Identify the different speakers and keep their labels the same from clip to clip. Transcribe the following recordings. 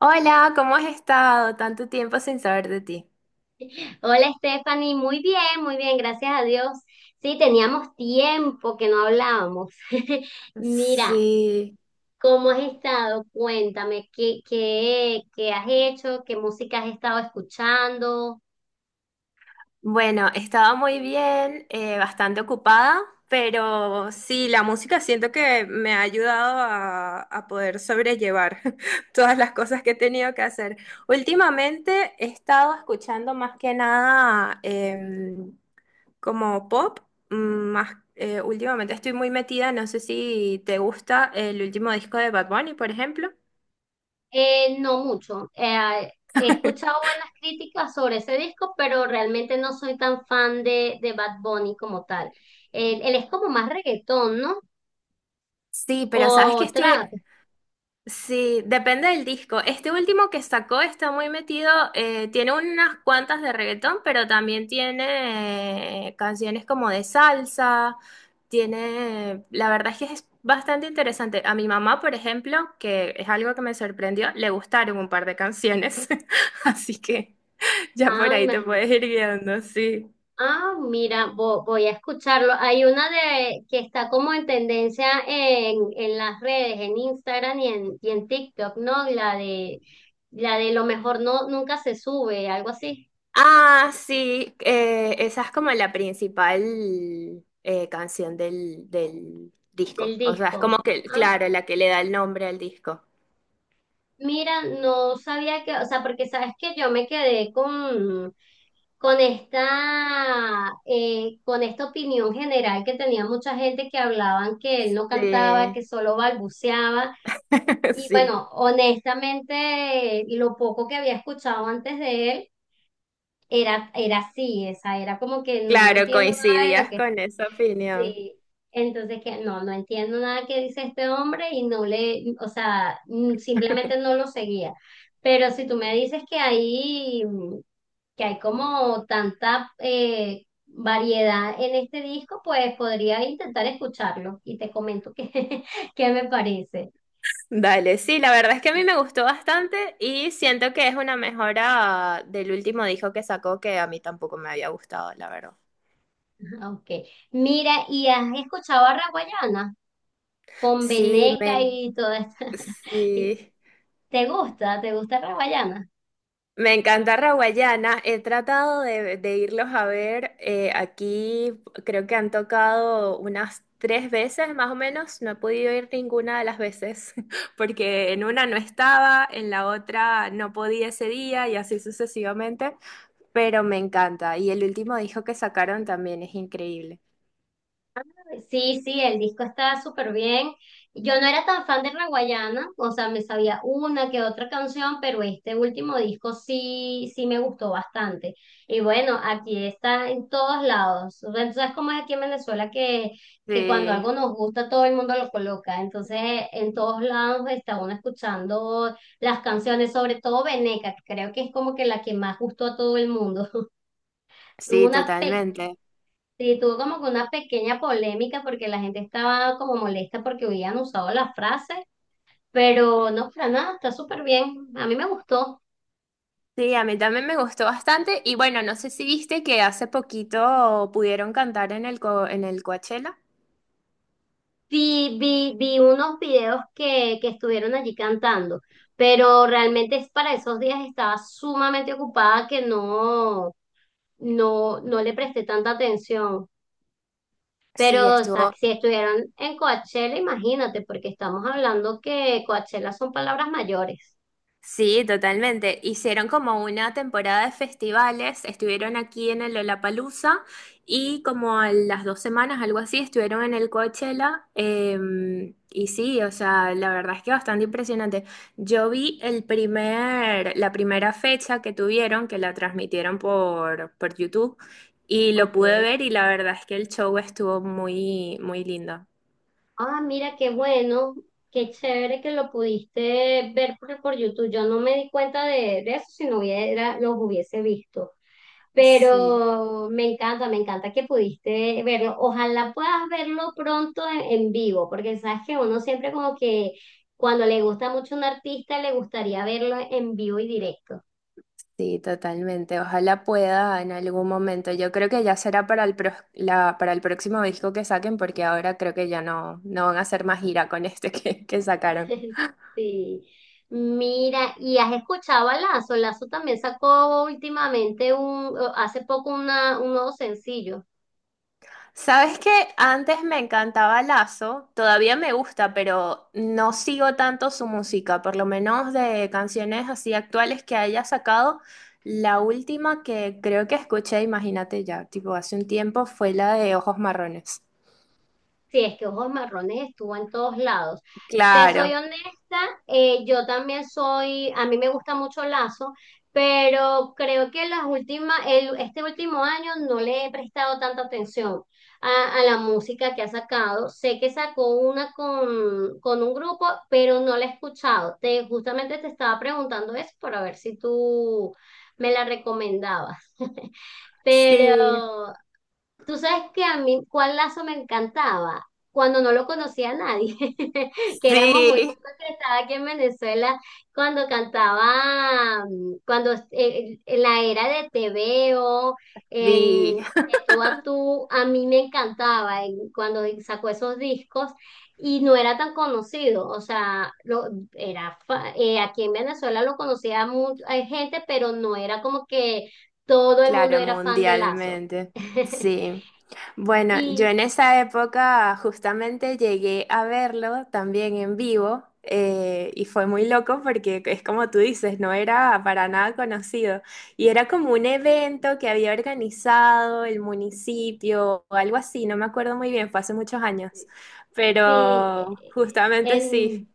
Speaker 1: Hola, ¿cómo has estado? Tanto tiempo sin saber de ti.
Speaker 2: Hola Stephanie, muy bien, gracias a Dios. Sí, teníamos tiempo que no hablábamos. Mira,
Speaker 1: Sí,
Speaker 2: ¿cómo has estado? Cuéntame, ¿qué has hecho? ¿Qué música has estado escuchando?
Speaker 1: bueno, he estado muy bien, bastante ocupada, pero sí, la música siento que me ha ayudado a poder sobrellevar todas las cosas que he tenido que hacer. Últimamente he estado escuchando más que nada como pop, mm, más, últimamente estoy muy metida, no sé si te gusta el último disco de Bad Bunny, por ejemplo.
Speaker 2: No mucho. He escuchado buenas críticas sobre ese disco, pero realmente no soy tan fan de Bad Bunny como tal. Él es como más reggaetón, ¿no?
Speaker 1: Sí, pero sabes
Speaker 2: O
Speaker 1: que estoy.
Speaker 2: trap.
Speaker 1: Sí, depende del disco. Este último que sacó está muy metido, tiene unas cuantas de reggaetón, pero también tiene canciones como de salsa, tiene, la verdad es que es bastante interesante. A mi mamá, por ejemplo, que es algo que me sorprendió, le gustaron un par de canciones, así que ya por
Speaker 2: Ah,
Speaker 1: ahí te puedes
Speaker 2: imagínate.
Speaker 1: ir guiando, sí.
Speaker 2: Ah, mira, voy a escucharlo. Hay una de que está como en tendencia en las redes, en Instagram y en TikTok, ¿no? La de lo mejor no nunca se sube, algo así,
Speaker 1: Ah, sí, esa es como la principal canción del
Speaker 2: del
Speaker 1: disco. O sea, es como
Speaker 2: disco.
Speaker 1: que,
Speaker 2: Ah,
Speaker 1: claro, la que le da el nombre al disco.
Speaker 2: mira, no sabía que, o sea, porque sabes que yo me quedé con esta, con esta opinión general que tenía mucha gente que hablaban que él no cantaba,
Speaker 1: Sí,
Speaker 2: que solo balbuceaba. Y
Speaker 1: sí.
Speaker 2: bueno, honestamente, lo poco que había escuchado antes de él era así, esa era como que no le
Speaker 1: Claro,
Speaker 2: entiendo nada de lo
Speaker 1: coincidías
Speaker 2: que
Speaker 1: con esa opinión.
Speaker 2: sí. Entonces que no entiendo nada que dice este hombre y no le, o sea, simplemente no lo seguía. Pero si tú me dices que hay, que hay como tanta variedad en este disco, pues podría intentar escucharlo y te comento qué, qué me parece.
Speaker 1: Dale, sí, la verdad es que a mí me gustó bastante y siento que es una mejora del último disco que sacó que a mí tampoco me había gustado, la verdad.
Speaker 2: Ok. Mira, ¿y has escuchado a Raguayana con
Speaker 1: Sí,
Speaker 2: Veneca
Speaker 1: me...
Speaker 2: y todo esto?
Speaker 1: Sí.
Speaker 2: ¿Te gusta? ¿Te gusta Raguayana?
Speaker 1: Me encanta Raguayana. He tratado de irlos a ver. Aquí creo que han tocado unas 3 veces más o menos. No he podido ir ninguna de las veces porque en una no estaba, en la otra no podía ese día y así sucesivamente. Pero me encanta. Y el último disco que sacaron también es increíble.
Speaker 2: Sí, sí, el disco está súper bien. Yo no era tan fan de Raguayana, o sea, me sabía una que otra canción, pero este último disco sí, sí me gustó bastante. Y bueno, aquí está en todos lados. O sea, tú sabes cómo es aquí en Venezuela que cuando
Speaker 1: Sí,
Speaker 2: algo nos gusta todo el mundo lo coloca. Entonces, en todos lados está uno escuchando las canciones, sobre todo Veneca, que creo que es como que la que más gustó a todo el mundo. Tuvo
Speaker 1: sí,
Speaker 2: una,
Speaker 1: totalmente.
Speaker 2: sí, tuvo como que una pequeña polémica porque la gente estaba como molesta porque habían usado la frase, pero no, para nada, está súper bien. A mí me gustó.
Speaker 1: Sí, a mí también me gustó bastante. Y bueno, no sé si viste que hace poquito pudieron cantar en el, en el Coachella.
Speaker 2: Vi unos videos que estuvieron allí cantando, pero realmente es para esos días estaba sumamente ocupada que no le presté tanta atención.
Speaker 1: Sí,
Speaker 2: Pero, o sea,
Speaker 1: estuvo.
Speaker 2: si estuvieron en Coachella, imagínate, porque estamos hablando que Coachella son palabras mayores.
Speaker 1: Sí, totalmente. Hicieron como una temporada de festivales, estuvieron aquí en el Lollapalooza y como a las 2 semanas, algo así, estuvieron en el Coachella. Y sí, o sea, la verdad es que bastante impresionante. Yo vi la primera fecha que tuvieron, que la transmitieron por YouTube y lo
Speaker 2: Ok.
Speaker 1: pude ver y la verdad es que el show estuvo muy, muy lindo.
Speaker 2: Ah, mira, qué bueno, qué chévere que lo pudiste ver por YouTube. Yo no me di cuenta de eso si no hubiera, los hubiese visto.
Speaker 1: Sí.
Speaker 2: Pero me encanta que pudiste verlo. Ojalá puedas verlo pronto en vivo, porque sabes que uno siempre como que cuando le gusta mucho un artista le gustaría verlo en vivo y directo.
Speaker 1: Sí, totalmente. Ojalá pueda en algún momento. Yo creo que ya será para el, para el próximo disco que saquen, porque ahora creo que ya no, no van a hacer más gira con este que sacaron.
Speaker 2: Sí. Mira, ¿y has escuchado a Lazo? Lazo también sacó últimamente un, hace poco una, un nuevo sencillo.
Speaker 1: Sabes que antes me encantaba Lazo, todavía me gusta, pero no sigo tanto su música, por lo menos de canciones así actuales que haya sacado. La última que creo que escuché, imagínate ya, tipo hace un tiempo, fue la de Ojos Marrones.
Speaker 2: Sí, es que ojos marrones estuvo en todos lados. Te soy
Speaker 1: Claro,
Speaker 2: honesta, yo también soy, a mí me gusta mucho Lazo, pero creo que las últimas, este último año no le he prestado tanta atención a la música que ha sacado. Sé que sacó una con un grupo, pero no la he escuchado. Te, justamente te estaba preguntando eso para ver si tú me la recomendabas.
Speaker 1: sí,
Speaker 2: Pero tú sabes que a mí, ¿cuál lazo me encantaba? Cuando no lo conocía a nadie, que éramos muy pocos
Speaker 1: sí.
Speaker 2: que estaba aquí en Venezuela, cuando cantaba, cuando en la era de Te Veo,
Speaker 1: Sí,
Speaker 2: en De Tú a Tú, a mí me encantaba cuando sacó esos discos y no era tan conocido, o sea, lo, aquí en Venezuela lo conocía mucha gente, pero no era como que todo el mundo
Speaker 1: claro,
Speaker 2: era fan de Lazo.
Speaker 1: mundialmente. Sí. Bueno, yo
Speaker 2: Y
Speaker 1: en esa época justamente llegué a verlo también en vivo y fue muy loco porque es como tú dices, no era para nada conocido y era como un evento que había organizado el municipio o algo así, no me acuerdo muy bien, fue hace muchos años,
Speaker 2: sí,
Speaker 1: pero justamente sí.
Speaker 2: en,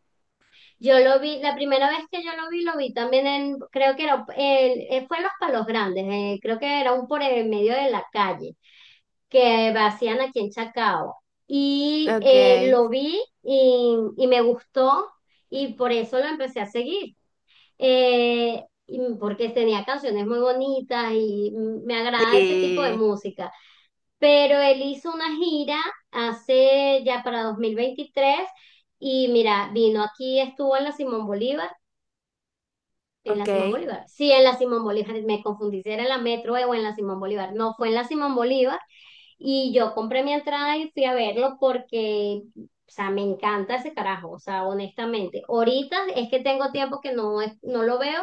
Speaker 2: yo lo vi, la primera vez que yo lo vi también en, creo que era, fue en Los Palos Grandes, creo que era un por el medio de la calle, que hacían aquí en Chacao. Y
Speaker 1: Ok,
Speaker 2: lo vi y me gustó y por eso lo empecé a seguir. Y porque tenía canciones muy bonitas y me agrada ese tipo de
Speaker 1: sí,
Speaker 2: música. Pero él hizo una gira hace ya para 2023 y mira, vino aquí, estuvo en la Simón Bolívar, en la
Speaker 1: ok,
Speaker 2: Simón Bolívar, sí, en la Simón Bolívar, me confundí si era en la Metro o en la Simón Bolívar, no, fue en la Simón Bolívar y yo compré mi entrada y fui a verlo porque, o sea, me encanta ese carajo, o sea, honestamente. Ahorita es que tengo tiempo que no, no lo veo,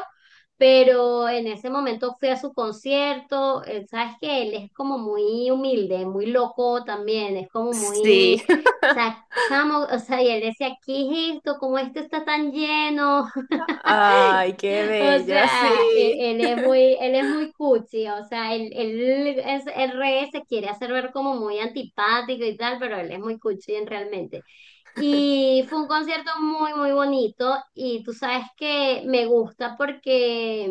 Speaker 2: pero en ese momento fui a su concierto. Sabes que él es como muy humilde, muy loco también, es como muy, o
Speaker 1: sí.
Speaker 2: sea, chamo, o sea, y él decía, ¿qué es esto? ¿Cómo esto está tan lleno?
Speaker 1: Ay, qué
Speaker 2: O
Speaker 1: bello,
Speaker 2: sea,
Speaker 1: sí.
Speaker 2: él es muy cuchi, o sea, él es, el re se quiere hacer ver como muy antipático y tal, pero él es muy cuchi realmente. Y fue un concierto muy bonito y tú sabes que me gusta porque,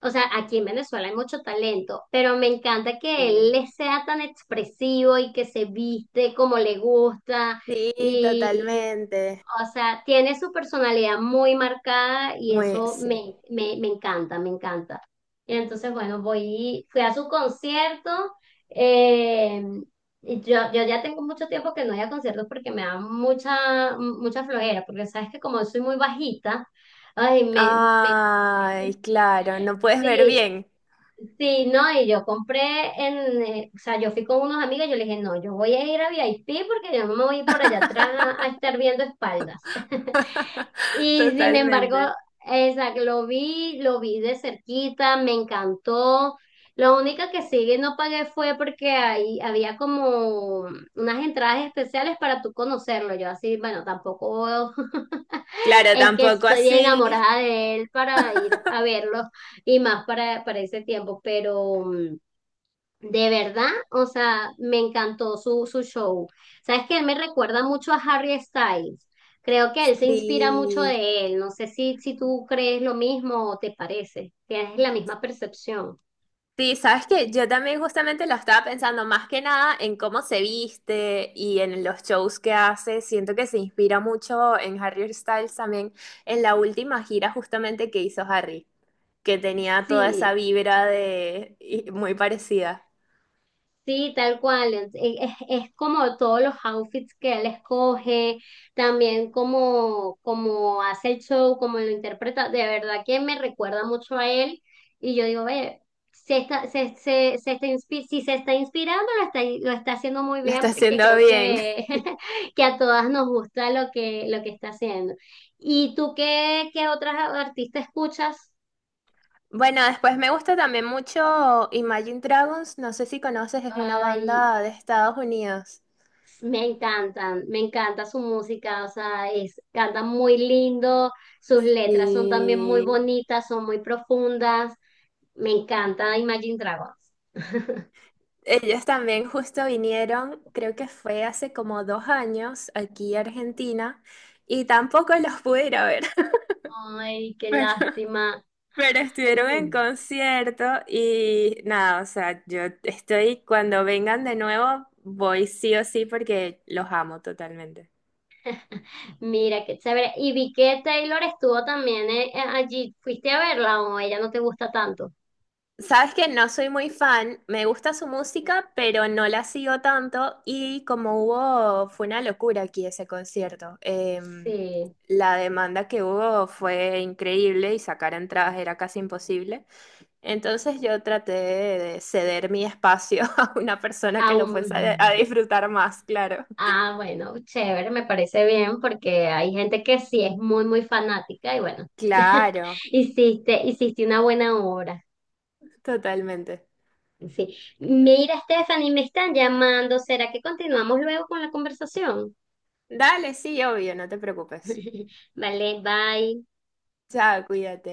Speaker 2: o sea, aquí en Venezuela hay mucho talento, pero me encanta que él
Speaker 1: Sí.
Speaker 2: le sea tan expresivo y que se viste como le gusta,
Speaker 1: Sí, totalmente.
Speaker 2: o sea, tiene su personalidad muy marcada y
Speaker 1: Muy,
Speaker 2: eso
Speaker 1: sí.
Speaker 2: me encanta, me encanta. Y entonces, bueno, fui a su concierto. eh, yo ya tengo mucho tiempo que no voy a conciertos porque me da mucha flojera, porque sabes que como soy muy bajita, ay,
Speaker 1: Ay, claro, no puedes ver
Speaker 2: sí,
Speaker 1: bien.
Speaker 2: sí, no, y yo compré o sea, yo fui con unos amigos y yo les dije, no, yo voy a ir a VIP porque yo no me voy a ir por allá atrás a estar viendo espaldas. Y sin embargo,
Speaker 1: Totalmente.
Speaker 2: exacto, lo vi de cerquita, me encantó. Lo único que sí no pagué fue porque ahí había como unas entradas especiales para tú conocerlo. Yo así, bueno, tampoco
Speaker 1: Claro,
Speaker 2: es que
Speaker 1: tampoco
Speaker 2: estoy
Speaker 1: así.
Speaker 2: enamorada de él para ir a verlo y más para ese tiempo, pero de verdad, o sea, me encantó su show. Sabes que él me recuerda mucho a Harry Styles. Creo que él se inspira mucho
Speaker 1: Sí.
Speaker 2: de él. No sé si tú crees lo mismo o te parece. Tienes la misma percepción.
Speaker 1: Sí, sabes que yo también justamente lo estaba pensando más que nada en cómo se viste y en los shows que hace. Siento que se inspira mucho en Harry Styles también, en la última gira justamente que hizo Harry, que tenía toda esa
Speaker 2: Sí.
Speaker 1: vibra de y muy parecida.
Speaker 2: Sí, tal cual. Es como todos los outfits que él escoge, también como, como hace el show, como lo interpreta. De verdad que me recuerda mucho a él. Y yo digo, ve, se está si se está inspirando, lo está haciendo muy
Speaker 1: Lo
Speaker 2: bien
Speaker 1: está
Speaker 2: porque
Speaker 1: haciendo
Speaker 2: creo
Speaker 1: bien.
Speaker 2: que, que a todas nos gusta lo lo que está haciendo. ¿Y tú qué, qué otras artistas escuchas?
Speaker 1: Bueno, después me gusta también mucho Imagine Dragons, no sé si conoces, es una
Speaker 2: Ay,
Speaker 1: banda de Estados Unidos.
Speaker 2: me encantan, me encanta su música, o sea, es, canta muy lindo, sus letras son también muy
Speaker 1: Sí.
Speaker 2: bonitas, son muy profundas, me encanta Imagine Dragons.
Speaker 1: Ellos también justo vinieron, creo que fue hace como 2 años aquí a Argentina y tampoco los pude ir a ver,
Speaker 2: Ay, qué
Speaker 1: pero,
Speaker 2: lástima.
Speaker 1: pero estuvieron en
Speaker 2: Mm.
Speaker 1: concierto y nada, o sea, yo estoy, cuando vengan de nuevo, voy sí o sí porque los amo totalmente.
Speaker 2: Mira, qué chévere. Y vi que Taylor estuvo también allí, ¿fuiste a verla o ella no te gusta tanto?
Speaker 1: Sabes que no soy muy fan, me gusta su música, pero no la sigo tanto y como hubo, fue una locura aquí ese concierto.
Speaker 2: Sí,
Speaker 1: La demanda que hubo fue increíble y sacar entradas era casi imposible. Entonces yo traté de ceder mi espacio a una persona que lo fuese a,
Speaker 2: aún.
Speaker 1: a disfrutar más, claro.
Speaker 2: Ah, bueno, chévere, me parece bien porque hay gente que sí es muy, muy fanática y bueno,
Speaker 1: Claro,
Speaker 2: hiciste, hiciste una buena obra.
Speaker 1: totalmente.
Speaker 2: Sí. Mira, Stephanie, me están llamando. ¿Será que continuamos luego con la conversación?
Speaker 1: Dale, sí, obvio, no te preocupes.
Speaker 2: Vale, bye.
Speaker 1: Chao, cuídate.